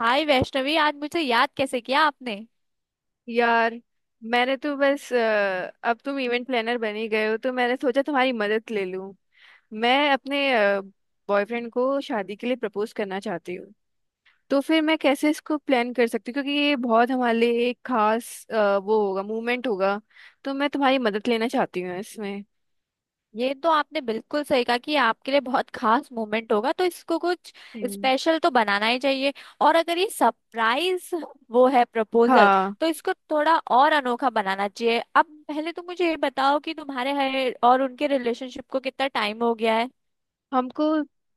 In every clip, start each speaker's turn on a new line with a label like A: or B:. A: हाय वैष्णवी, आज मुझे याद कैसे किया आपने।
B: यार, मैंने तो बस अब तुम इवेंट प्लानर बन ही गए हो, तो मैंने सोचा तुम्हारी मदद ले लूं। मैं अपने बॉयफ्रेंड को शादी के लिए प्रपोज करना चाहती हूँ। तो फिर मैं कैसे इसको प्लान कर सकती हूँ, क्योंकि ये बहुत हमारे लिए एक खास वो होगा, मूवमेंट होगा। तो मैं तुम्हारी मदद लेना चाहती हूँ इसमें।
A: ये तो आपने बिल्कुल सही कहा कि ये आपके लिए बहुत खास मोमेंट होगा, तो इसको कुछ
B: हम्म।
A: स्पेशल तो बनाना ही चाहिए। और अगर ये सरप्राइज वो है प्रपोजल,
B: हाँ,
A: तो इसको थोड़ा और अनोखा बनाना चाहिए। अब पहले तो मुझे ये बताओ कि तुम्हारे है और उनके रिलेशनशिप को कितना टाइम हो गया है।
B: हमको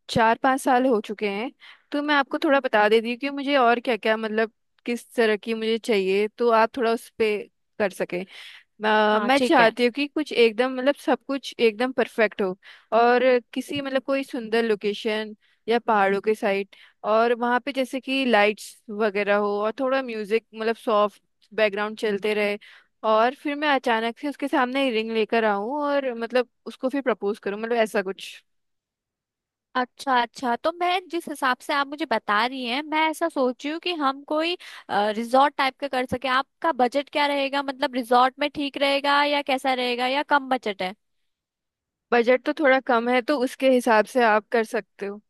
B: 4 5 साल हो चुके हैं। तो मैं आपको थोड़ा बता देती हूँ कि मुझे और क्या क्या, मतलब किस तरह की मुझे चाहिए, तो आप थोड़ा उस पे कर सकें।
A: हाँ
B: मैं
A: ठीक है।
B: चाहती हूँ कि कुछ एकदम, मतलब सब कुछ एकदम परफेक्ट हो। और किसी, मतलब कोई सुंदर लोकेशन या पहाड़ों के साइड, और वहाँ पे जैसे कि लाइट्स वगैरह हो और थोड़ा म्यूजिक, मतलब सॉफ्ट बैकग्राउंड चलते रहे। और फिर मैं अचानक से उसके सामने रिंग लेकर आऊं और मतलब उसको फिर प्रपोज करूं, मतलब ऐसा कुछ।
A: अच्छा अच्छा, तो मैं जिस हिसाब से आप मुझे बता रही हैं, मैं ऐसा सोच रही हूँ कि हम कोई रिजॉर्ट टाइप का कर सके। आपका बजट क्या रहेगा, मतलब रिजॉर्ट में ठीक रहेगा या कैसा रहेगा, या कम बजट है।
B: बजट तो थोड़ा कम है, तो उसके हिसाब से आप कर सकते हो।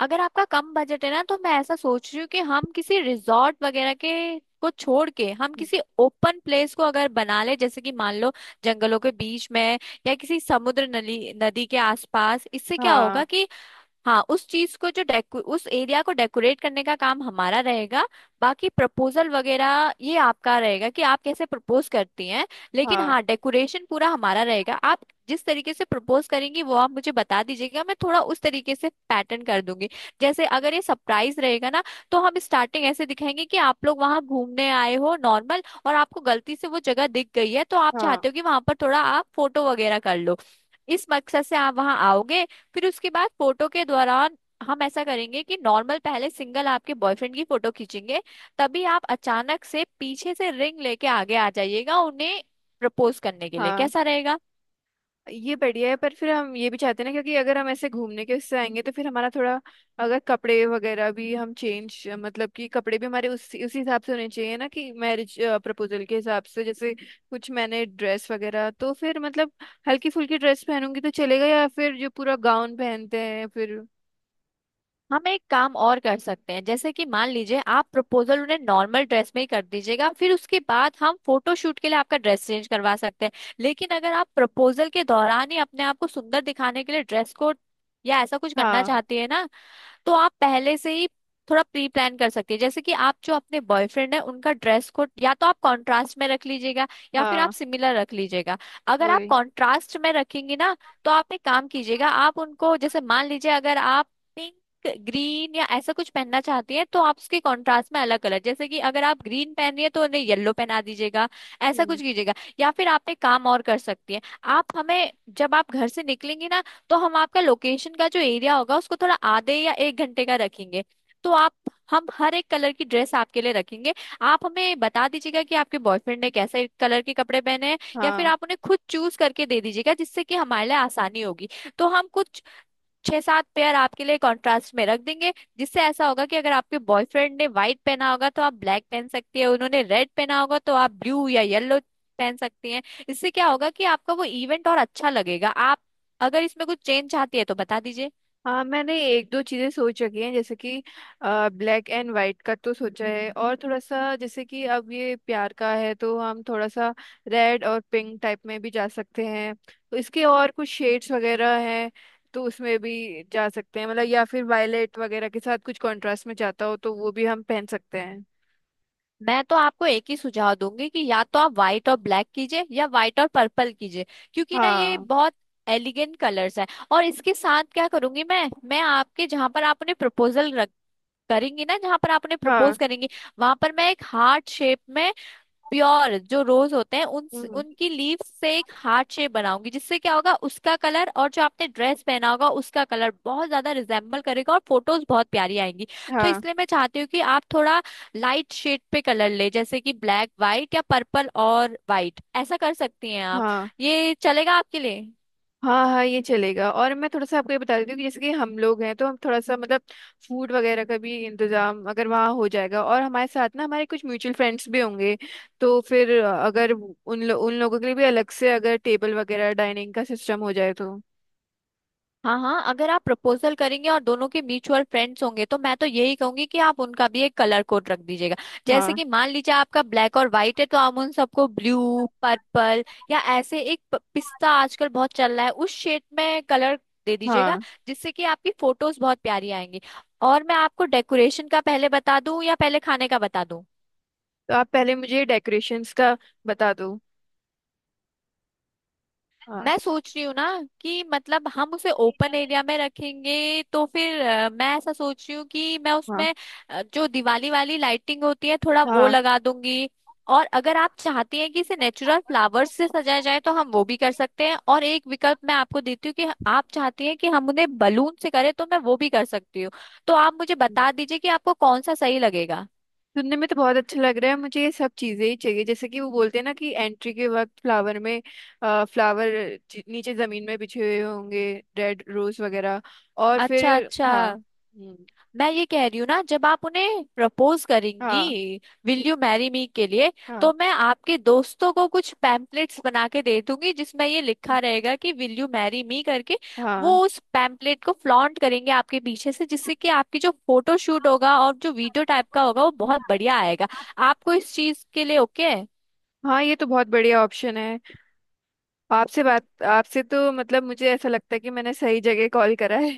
A: अगर आपका कम बजट है ना, तो मैं ऐसा सोच रही हूँ कि हम किसी रिजॉर्ट वगैरह के को छोड़ के हम किसी ओपन प्लेस को अगर बना ले, जैसे कि मान लो जंगलों के बीच में, या किसी समुद्र नली नदी के आसपास। इससे क्या होगा
B: हाँ।
A: कि हाँ, उस चीज को जो डेको उस एरिया को डेकोरेट करने का काम हमारा रहेगा, बाकी प्रपोजल वगैरह ये आपका रहेगा कि आप कैसे प्रपोज करती हैं। लेकिन
B: हाँ।
A: हाँ, डेकोरेशन पूरा हमारा रहेगा। आप जिस तरीके से प्रपोज करेंगी, वो आप मुझे बता दीजिएगा, मैं थोड़ा उस तरीके से पैटर्न कर दूंगी। जैसे अगर ये सरप्राइज रहेगा ना, तो हम स्टार्टिंग ऐसे दिखाएंगे कि आप लोग वहां घूमने आए हो नॉर्मल, और आपको गलती से वो जगह दिख गई है, तो आप
B: हाँ।
A: चाहते हो कि वहां पर थोड़ा आप फोटो वगैरह कर लो। इस मकसद से आप वहां आओगे। फिर उसके बाद फोटो के दौरान हम ऐसा करेंगे कि नॉर्मल पहले सिंगल आपके बॉयफ्रेंड की फोटो खींचेंगे, तभी आप अचानक से पीछे से रिंग लेके आगे आ जाइएगा उन्हें प्रपोज करने के लिए।
B: हाँ,
A: कैसा रहेगा?
B: ये बढ़िया है, पर फिर हम ये भी चाहते हैं ना, क्योंकि अगर हम ऐसे घूमने के उससे आएंगे तो फिर हमारा थोड़ा, अगर कपड़े वगैरह भी हम चेंज, मतलब कि कपड़े भी हमारे उसी उसी हिसाब से होने चाहिए ना, कि मैरिज प्रपोजल के हिसाब से, जैसे कुछ मैंने ड्रेस वगैरह, तो फिर मतलब हल्की फुल्की ड्रेस पहनूंगी तो चलेगा, या फिर जो पूरा गाउन पहनते हैं फिर।
A: हम एक काम और कर सकते हैं, जैसे कि मान लीजिए आप प्रपोजल उन्हें नॉर्मल ड्रेस में ही कर दीजिएगा, फिर उसके बाद हम फोटो शूट के लिए आपका ड्रेस चेंज करवा सकते हैं। लेकिन अगर आप प्रपोजल के दौरान ही अपने आप को सुंदर दिखाने के लिए ड्रेस कोड या ऐसा कुछ करना
B: हाँ।
A: चाहती है ना, तो आप पहले से ही थोड़ा प्री प्लान कर सकती है। जैसे कि आप जो अपने बॉयफ्रेंड है, उनका ड्रेस कोड या तो आप कंट्रास्ट में रख लीजिएगा, या फिर आप
B: हाँ।
A: सिमिलर रख लीजिएगा। अगर आप
B: वही।
A: कंट्रास्ट में रखेंगी ना, तो आप एक काम कीजिएगा, आप उनको जैसे मान लीजिए अगर आप पिंक ग्रीन या ऐसा कुछ पहनना चाहती हैं, तो आप उसके कंट्रास्ट में अलग कलर, जैसे कि अगर आप ग्रीन पहन रही है तो उन्हें येलो पहना दीजिएगा। ऐसा
B: हम्म।
A: कुछ कीजिएगा। या फिर आप एक काम और कर सकती हैं, आप हमें, जब आप घर से निकलेंगी ना, तो हम आपका लोकेशन का जो एरिया होगा उसको थोड़ा आधे या 1 घंटे का रखेंगे। तो आप, हम हर एक कलर की ड्रेस आपके लिए रखेंगे। आप हमें बता दीजिएगा कि आपके बॉयफ्रेंड ने कैसे कलर के कपड़े पहने हैं, या फिर
B: हाँ।
A: आप उन्हें खुद चूज करके दे दीजिएगा, जिससे कि हमारे लिए आसानी होगी। तो हम कुछ 6-7 पेयर आपके लिए कॉन्ट्रास्ट में रख देंगे, जिससे ऐसा होगा कि अगर आपके बॉयफ्रेंड ने व्हाइट पहना होगा तो आप ब्लैक पहन सकती है, उन्होंने रेड पहना होगा तो आप ब्लू या येलो पहन सकती हैं। इससे क्या होगा कि आपका वो इवेंट और अच्छा लगेगा। आप अगर इसमें कुछ चेंज चाहती है तो बता दीजिए।
B: हाँ, मैंने एक दो चीजें सोच रखी हैं, जैसे कि ब्लैक एंड वाइट का तो सोचा है, और थोड़ा सा जैसे कि अब ये प्यार का है तो हम थोड़ा सा रेड और पिंक टाइप में भी जा सकते हैं। तो इसके और कुछ शेड्स वगैरह हैं, तो उसमें भी जा सकते हैं, मतलब या फिर वायलेट वगैरह के साथ कुछ कंट्रास्ट में जाता हो तो वो भी हम पहन सकते हैं।
A: मैं तो आपको एक ही सुझाव दूंगी कि या तो आप व्हाइट और ब्लैक कीजिए, या व्हाइट और पर्पल कीजिए, क्योंकि ना ये
B: हाँ।
A: बहुत एलिगेंट कलर्स है। और इसके साथ क्या करूंगी मैं आपके जहां पर आप उन्हें प्रपोजल करेंगी ना, जहां पर आपने प्रपोज
B: हाँ।
A: करेंगी, वहां पर मैं एक हार्ट शेप में प्योर जो रोज होते हैं उन,
B: हम्म।
A: उनकी लीव से एक हार्ट शेप बनाऊंगी, जिससे क्या होगा उसका कलर और जो आपने ड्रेस पहना होगा उसका कलर बहुत ज्यादा रिजेम्बल करेगा और फोटोज बहुत प्यारी आएंगी। तो
B: हाँ।
A: इसलिए मैं चाहती हूँ कि आप थोड़ा लाइट शेड पे कलर ले, जैसे कि ब्लैक वाइट या पर्पल और वाइट, ऐसा कर सकती हैं आप।
B: हाँ।
A: ये चलेगा आपके लिए?
B: हाँ, हाँ, ये चलेगा। और मैं थोड़ा सा आपको ये बता देती हूँ कि जैसे कि हम लोग हैं तो हम थोड़ा सा, मतलब फूड वगैरह का भी इंतजाम अगर वहाँ हो जाएगा, और हमारे साथ ना हमारे कुछ म्यूचुअल फ्रेंड्स भी होंगे। तो फिर अगर उन लोगों के लिए भी अलग से अगर टेबल वगैरह डाइनिंग का सिस्टम हो जाए तो।
A: हाँ हाँ, अगर आप प्रपोजल करेंगे और दोनों के म्यूचुअल फ्रेंड्स होंगे, तो मैं तो यही कहूंगी कि आप उनका भी एक कलर कोड रख दीजिएगा। जैसे
B: हाँ।
A: कि मान लीजिए आपका ब्लैक और व्हाइट है, तो आप उन सबको ब्लू पर्पल या ऐसे एक पिस्ता आजकल बहुत चल रहा है, उस शेड में कलर दे दीजिएगा,
B: हाँ।
A: जिससे कि आपकी फोटोज बहुत प्यारी आएंगी। और मैं आपको डेकोरेशन का पहले बता दूं या पहले खाने का बता दूं?
B: तो आप पहले मुझे डेकोरेशंस का बता दो। हाँ।
A: मैं सोच रही हूँ ना कि मतलब हम उसे ओपन एरिया में रखेंगे, तो फिर मैं ऐसा सोच रही हूँ कि मैं
B: हाँ।
A: उसमें जो दिवाली वाली लाइटिंग होती है थोड़ा वो
B: हाँ,
A: लगा दूंगी। और अगर आप चाहती हैं कि इसे नेचुरल फ्लावर्स से सजाया जाए तो हम वो भी कर सकते हैं, और एक विकल्प मैं आपको देती हूँ कि आप चाहती हैं कि हम उन्हें बलून से करें तो मैं वो भी कर सकती हूँ। तो आप मुझे बता दीजिए कि आपको कौन सा सही लगेगा।
B: सुनने में तो बहुत अच्छा लग रहा है। मुझे ये सब चीजें ही चाहिए, जैसे कि वो बोलते हैं ना कि एंट्री के वक्त फ्लावर में, फ्लावर नीचे जमीन में बिछे हुए होंगे, रेड रोज वगैरह। और
A: अच्छा
B: फिर
A: अच्छा,
B: हाँ। हम्म।
A: मैं ये कह रही हूँ ना, जब आप उन्हें प्रपोज
B: हाँ।
A: करेंगी, विल यू मैरी मी के लिए,
B: हाँ।
A: तो मैं आपके दोस्तों को कुछ पैम्पलेट्स बना के दे दूंगी, जिसमें ये लिखा रहेगा कि विल यू मैरी मी करके। वो
B: हाँ।
A: उस पैम्पलेट को फ्लॉन्ट करेंगे आपके पीछे से, जिससे कि आपकी जो फोटो शूट होगा और जो वीडियो टाइप का होगा वो बहुत बढ़िया आएगा। आपको इस चीज के लिए ओके है?
B: हाँ, ये तो बहुत बढ़िया ऑप्शन है। आपसे बात, आपसे तो मतलब मुझे ऐसा लगता है कि मैंने सही जगह कॉल करा है।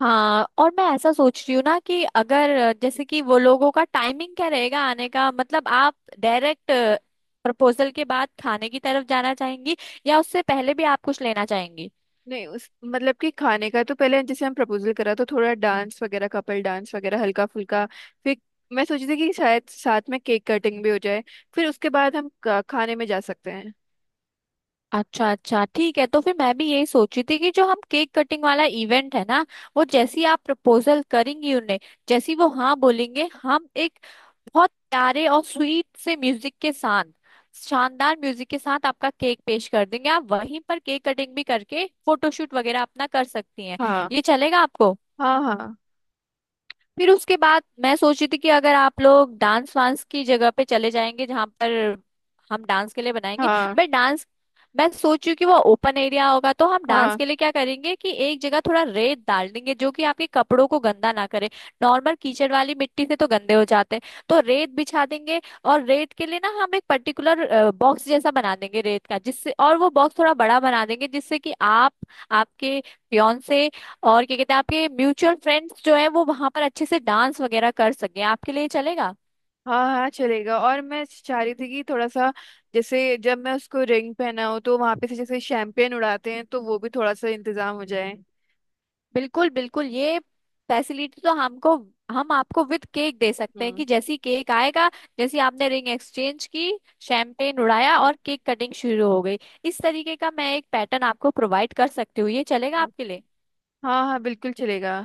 A: हाँ, और मैं ऐसा सोच रही हूँ ना, कि अगर जैसे कि वो लोगों का टाइमिंग क्या रहेगा आने का, मतलब आप डायरेक्ट प्रपोजल के बाद खाने की तरफ जाना चाहेंगी, या उससे पहले भी आप कुछ लेना चाहेंगी।
B: नहीं, उस मतलब कि खाने का तो पहले, जैसे हम प्रपोजल करा तो थोड़ा डांस वगैरह, कपल डांस वगैरह हल्का फुल्का, फिर मैं सोची थी कि शायद साथ में केक कटिंग भी हो जाए, फिर उसके बाद हम खाने में जा सकते हैं।
A: अच्छा अच्छा ठीक है, तो फिर मैं भी यही सोची थी कि जो हम केक कटिंग वाला इवेंट है ना, वो जैसी आप प्रपोजल करेंगी उन्हें, जैसी वो हाँ बोलेंगे, हम एक बहुत प्यारे और स्वीट से म्यूजिक के साथ, शानदार म्यूजिक के साथ आपका केक पेश कर देंगे। आप वहीं पर केक कटिंग भी करके फोटोशूट वगैरह अपना कर सकती हैं।
B: हाँ।
A: ये चलेगा आपको?
B: हाँ। हाँ।
A: फिर उसके बाद मैं सोची थी कि अगर आप लोग डांस वांस की जगह पे चले जाएंगे, जहां पर हम डांस के लिए बनाएंगे।
B: हाँ।
A: मैं डांस, मैं सोचू कि वो ओपन एरिया होगा तो हम डांस
B: हाँ।
A: के लिए क्या करेंगे कि एक जगह थोड़ा रेत डाल देंगे, जो कि आपके कपड़ों को गंदा ना करे। नॉर्मल कीचड़ वाली मिट्टी से तो गंदे हो जाते हैं, तो रेत बिछा देंगे, और रेत के लिए ना हम एक पर्टिकुलर बॉक्स जैसा बना देंगे रेत का, जिससे, और वो बॉक्स थोड़ा बड़ा बना देंगे, जिससे कि आप, आपके फियांसे, और क्या कहते हैं, आपके म्यूचुअल फ्रेंड्स जो है वो वहां पर अच्छे से डांस वगैरह कर सके। आपके लिए चलेगा?
B: हाँ, हाँ चलेगा। और मैं चाह रही थी कि थोड़ा सा, जैसे जब मैं उसको रिंग पहनाऊँ तो वहां पे से जैसे शैम्पेन उड़ाते हैं, तो वो भी थोड़ा सा इंतजाम हो जाए।
A: बिल्कुल बिल्कुल, ये फैसिलिटी तो हमको, हम आपको विद केक दे सकते हैं
B: हम्म।
A: कि जैसी केक आएगा, जैसी आपने रिंग एक्सचेंज की, शैम्पेन उड़ाया और केक कटिंग शुरू हो गई। इस तरीके का मैं एक पैटर्न आपको प्रोवाइड कर सकती हूँ। ये चलेगा
B: हाँ।
A: आपके लिए?
B: हाँ, हाँ बिल्कुल चलेगा।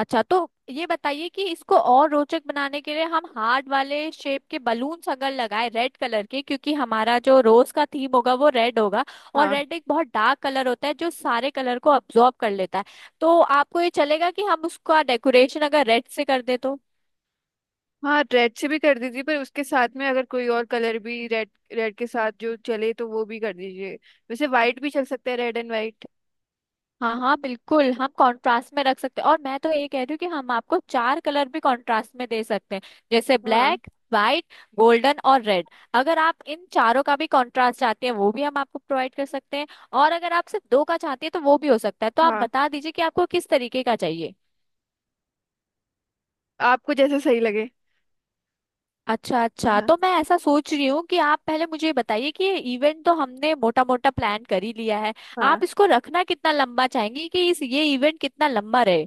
A: अच्छा, तो ये बताइए कि इसको और रोचक बनाने के लिए हम हार्ट वाले शेप के बलून्स अगर लगाए रेड कलर के, क्योंकि हमारा जो रोज का थीम होगा वो रेड होगा, और
B: हाँ,
A: रेड एक बहुत डार्क कलर होता है जो सारे कलर को अब्जॉर्ब कर लेता है, तो आपको ये चलेगा कि हम उसका डेकोरेशन अगर रेड से कर दे तो?
B: हाँ रेड से भी कर दीजिए, पर उसके साथ में अगर कोई और कलर भी रेड, रेड के साथ जो चले तो वो भी कर दीजिए। वैसे वाइट भी चल सकता है, रेड एंड वाइट।
A: हाँ हाँ बिल्कुल, हम कंट्रास्ट में रख सकते हैं, और मैं तो ये कह रही हूँ कि हम आपको चार कलर भी कंट्रास्ट में दे सकते हैं, जैसे
B: हाँ।
A: ब्लैक व्हाइट गोल्डन और रेड। अगर आप इन चारों का भी कंट्रास्ट चाहते हैं, वो भी हम आपको प्रोवाइड कर सकते हैं, और अगर आप सिर्फ दो का चाहते हैं तो वो भी हो सकता है। तो आप
B: हाँ,
A: बता दीजिए कि आपको किस तरीके का चाहिए।
B: आपको जैसा सही लगे।
A: अच्छा अच्छा,
B: हाँ।
A: तो मैं ऐसा सोच रही हूँ कि आप पहले मुझे ये बताइए कि ये इवेंट तो हमने मोटा मोटा प्लान कर ही लिया है।
B: हाँ,
A: आप इसको रखना कितना लंबा चाहेंगी, कि इस ये इवेंट कितना लंबा रहे?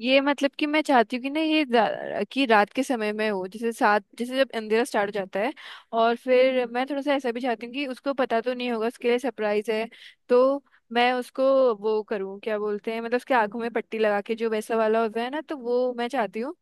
B: ये मतलब कि मैं चाहती हूँ कि ना ये कि रात के समय में हो, जैसे 7, जैसे जब अंधेरा स्टार्ट हो जाता है। और फिर मैं थोड़ा सा ऐसा भी चाहती हूँ कि उसको पता तो नहीं होगा, उसके लिए सरप्राइज है, तो मैं उसको वो करूँ, क्या बोलते हैं, मतलब उसके आंखों में पट्टी लगा के जो वैसा वाला होता है ना, तो वो मैं चाहती हूँ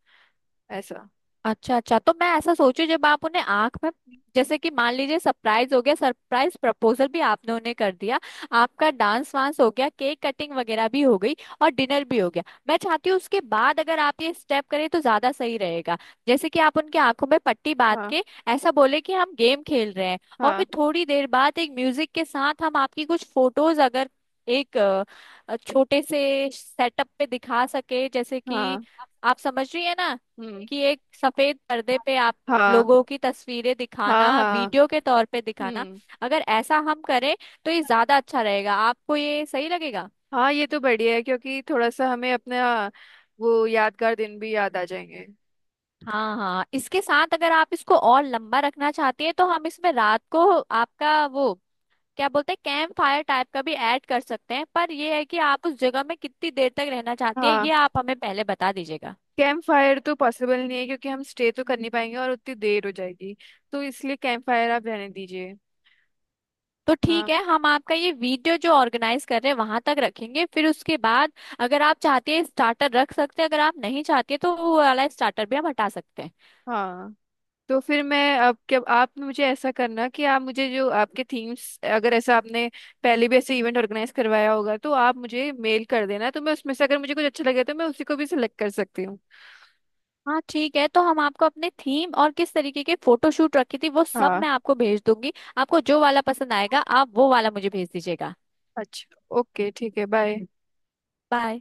B: ऐसा।
A: अच्छा अच्छा, तो मैं ऐसा सोचू, जब आप उन्हें आंख में, जैसे कि मान लीजिए सरप्राइज हो गया, सरप्राइज प्रपोजल भी आपने उन्हें कर दिया, आपका डांस वांस हो गया, केक कटिंग वगैरह भी हो गई, और डिनर भी हो गया। मैं चाहती हूँ उसके बाद अगर आप ये स्टेप करें तो ज्यादा सही रहेगा, जैसे कि आप उनकी आंखों में पट्टी बांध के ऐसा बोले कि हम गेम खेल रहे हैं, और
B: हाँ।
A: फिर थोड़ी देर बाद एक म्यूजिक के साथ हम आपकी कुछ फोटोज अगर एक छोटे से सेटअप पे दिखा सके, जैसे कि,
B: हाँ।
A: आप समझ रही है ना,
B: हम्म।
A: कि एक सफेद पर्दे पे आप
B: हाँ।
A: लोगों की तस्वीरें
B: हाँ।
A: दिखाना,
B: हाँ।
A: वीडियो के तौर पे दिखाना,
B: हम्म।
A: अगर ऐसा हम करें, तो ये ज्यादा अच्छा रहेगा। आपको ये सही लगेगा?
B: हाँ, ये तो बढ़िया है, क्योंकि थोड़ा सा हमें अपना वो यादगार दिन भी याद आ जाएंगे।
A: हाँ हाँ, इसके साथ अगर आप इसको और लंबा रखना चाहती हैं, तो हम इसमें रात को आपका वो, क्या बोलते हैं, कैंप फायर टाइप का भी ऐड कर सकते हैं। पर यह है कि आप उस जगह में कितनी देर तक रहना चाहती हैं, ये
B: हाँ,
A: आप हमें पहले बता दीजिएगा।
B: कैंप फायर तो पॉसिबल नहीं है क्योंकि हम स्टे तो कर नहीं पाएंगे और उतनी देर हो जाएगी। तो इसलिए कैंप फायर आप रहने दीजिए।
A: तो ठीक
B: हाँ।
A: है, हम आपका ये वीडियो जो ऑर्गेनाइज कर रहे हैं वहां तक रखेंगे, फिर उसके बाद अगर आप चाहते हैं स्टार्टर रख सकते हैं, अगर आप नहीं चाहते तो वो वाला स्टार्टर भी हम हटा सकते हैं।
B: हाँ, तो फिर मैं अब क्या, आप मुझे ऐसा करना कि आप मुझे जो आपके थीम्स, अगर ऐसा आपने पहले भी ऐसे इवेंट ऑर्गेनाइज करवाया होगा तो आप मुझे मेल कर देना, तो मैं उसमें से अगर मुझे कुछ अच्छा लगे तो मैं उसी को भी सिलेक्ट कर सकती हूँ।
A: हाँ ठीक है, तो हम आपको अपने थीम और किस तरीके के फोटोशूट रखी थी वो सब
B: हाँ।
A: मैं आपको भेज दूंगी, आपको जो वाला पसंद आएगा आप वो वाला मुझे भेज दीजिएगा।
B: अच्छा, ओके ठीक है, बाय।
A: बाय।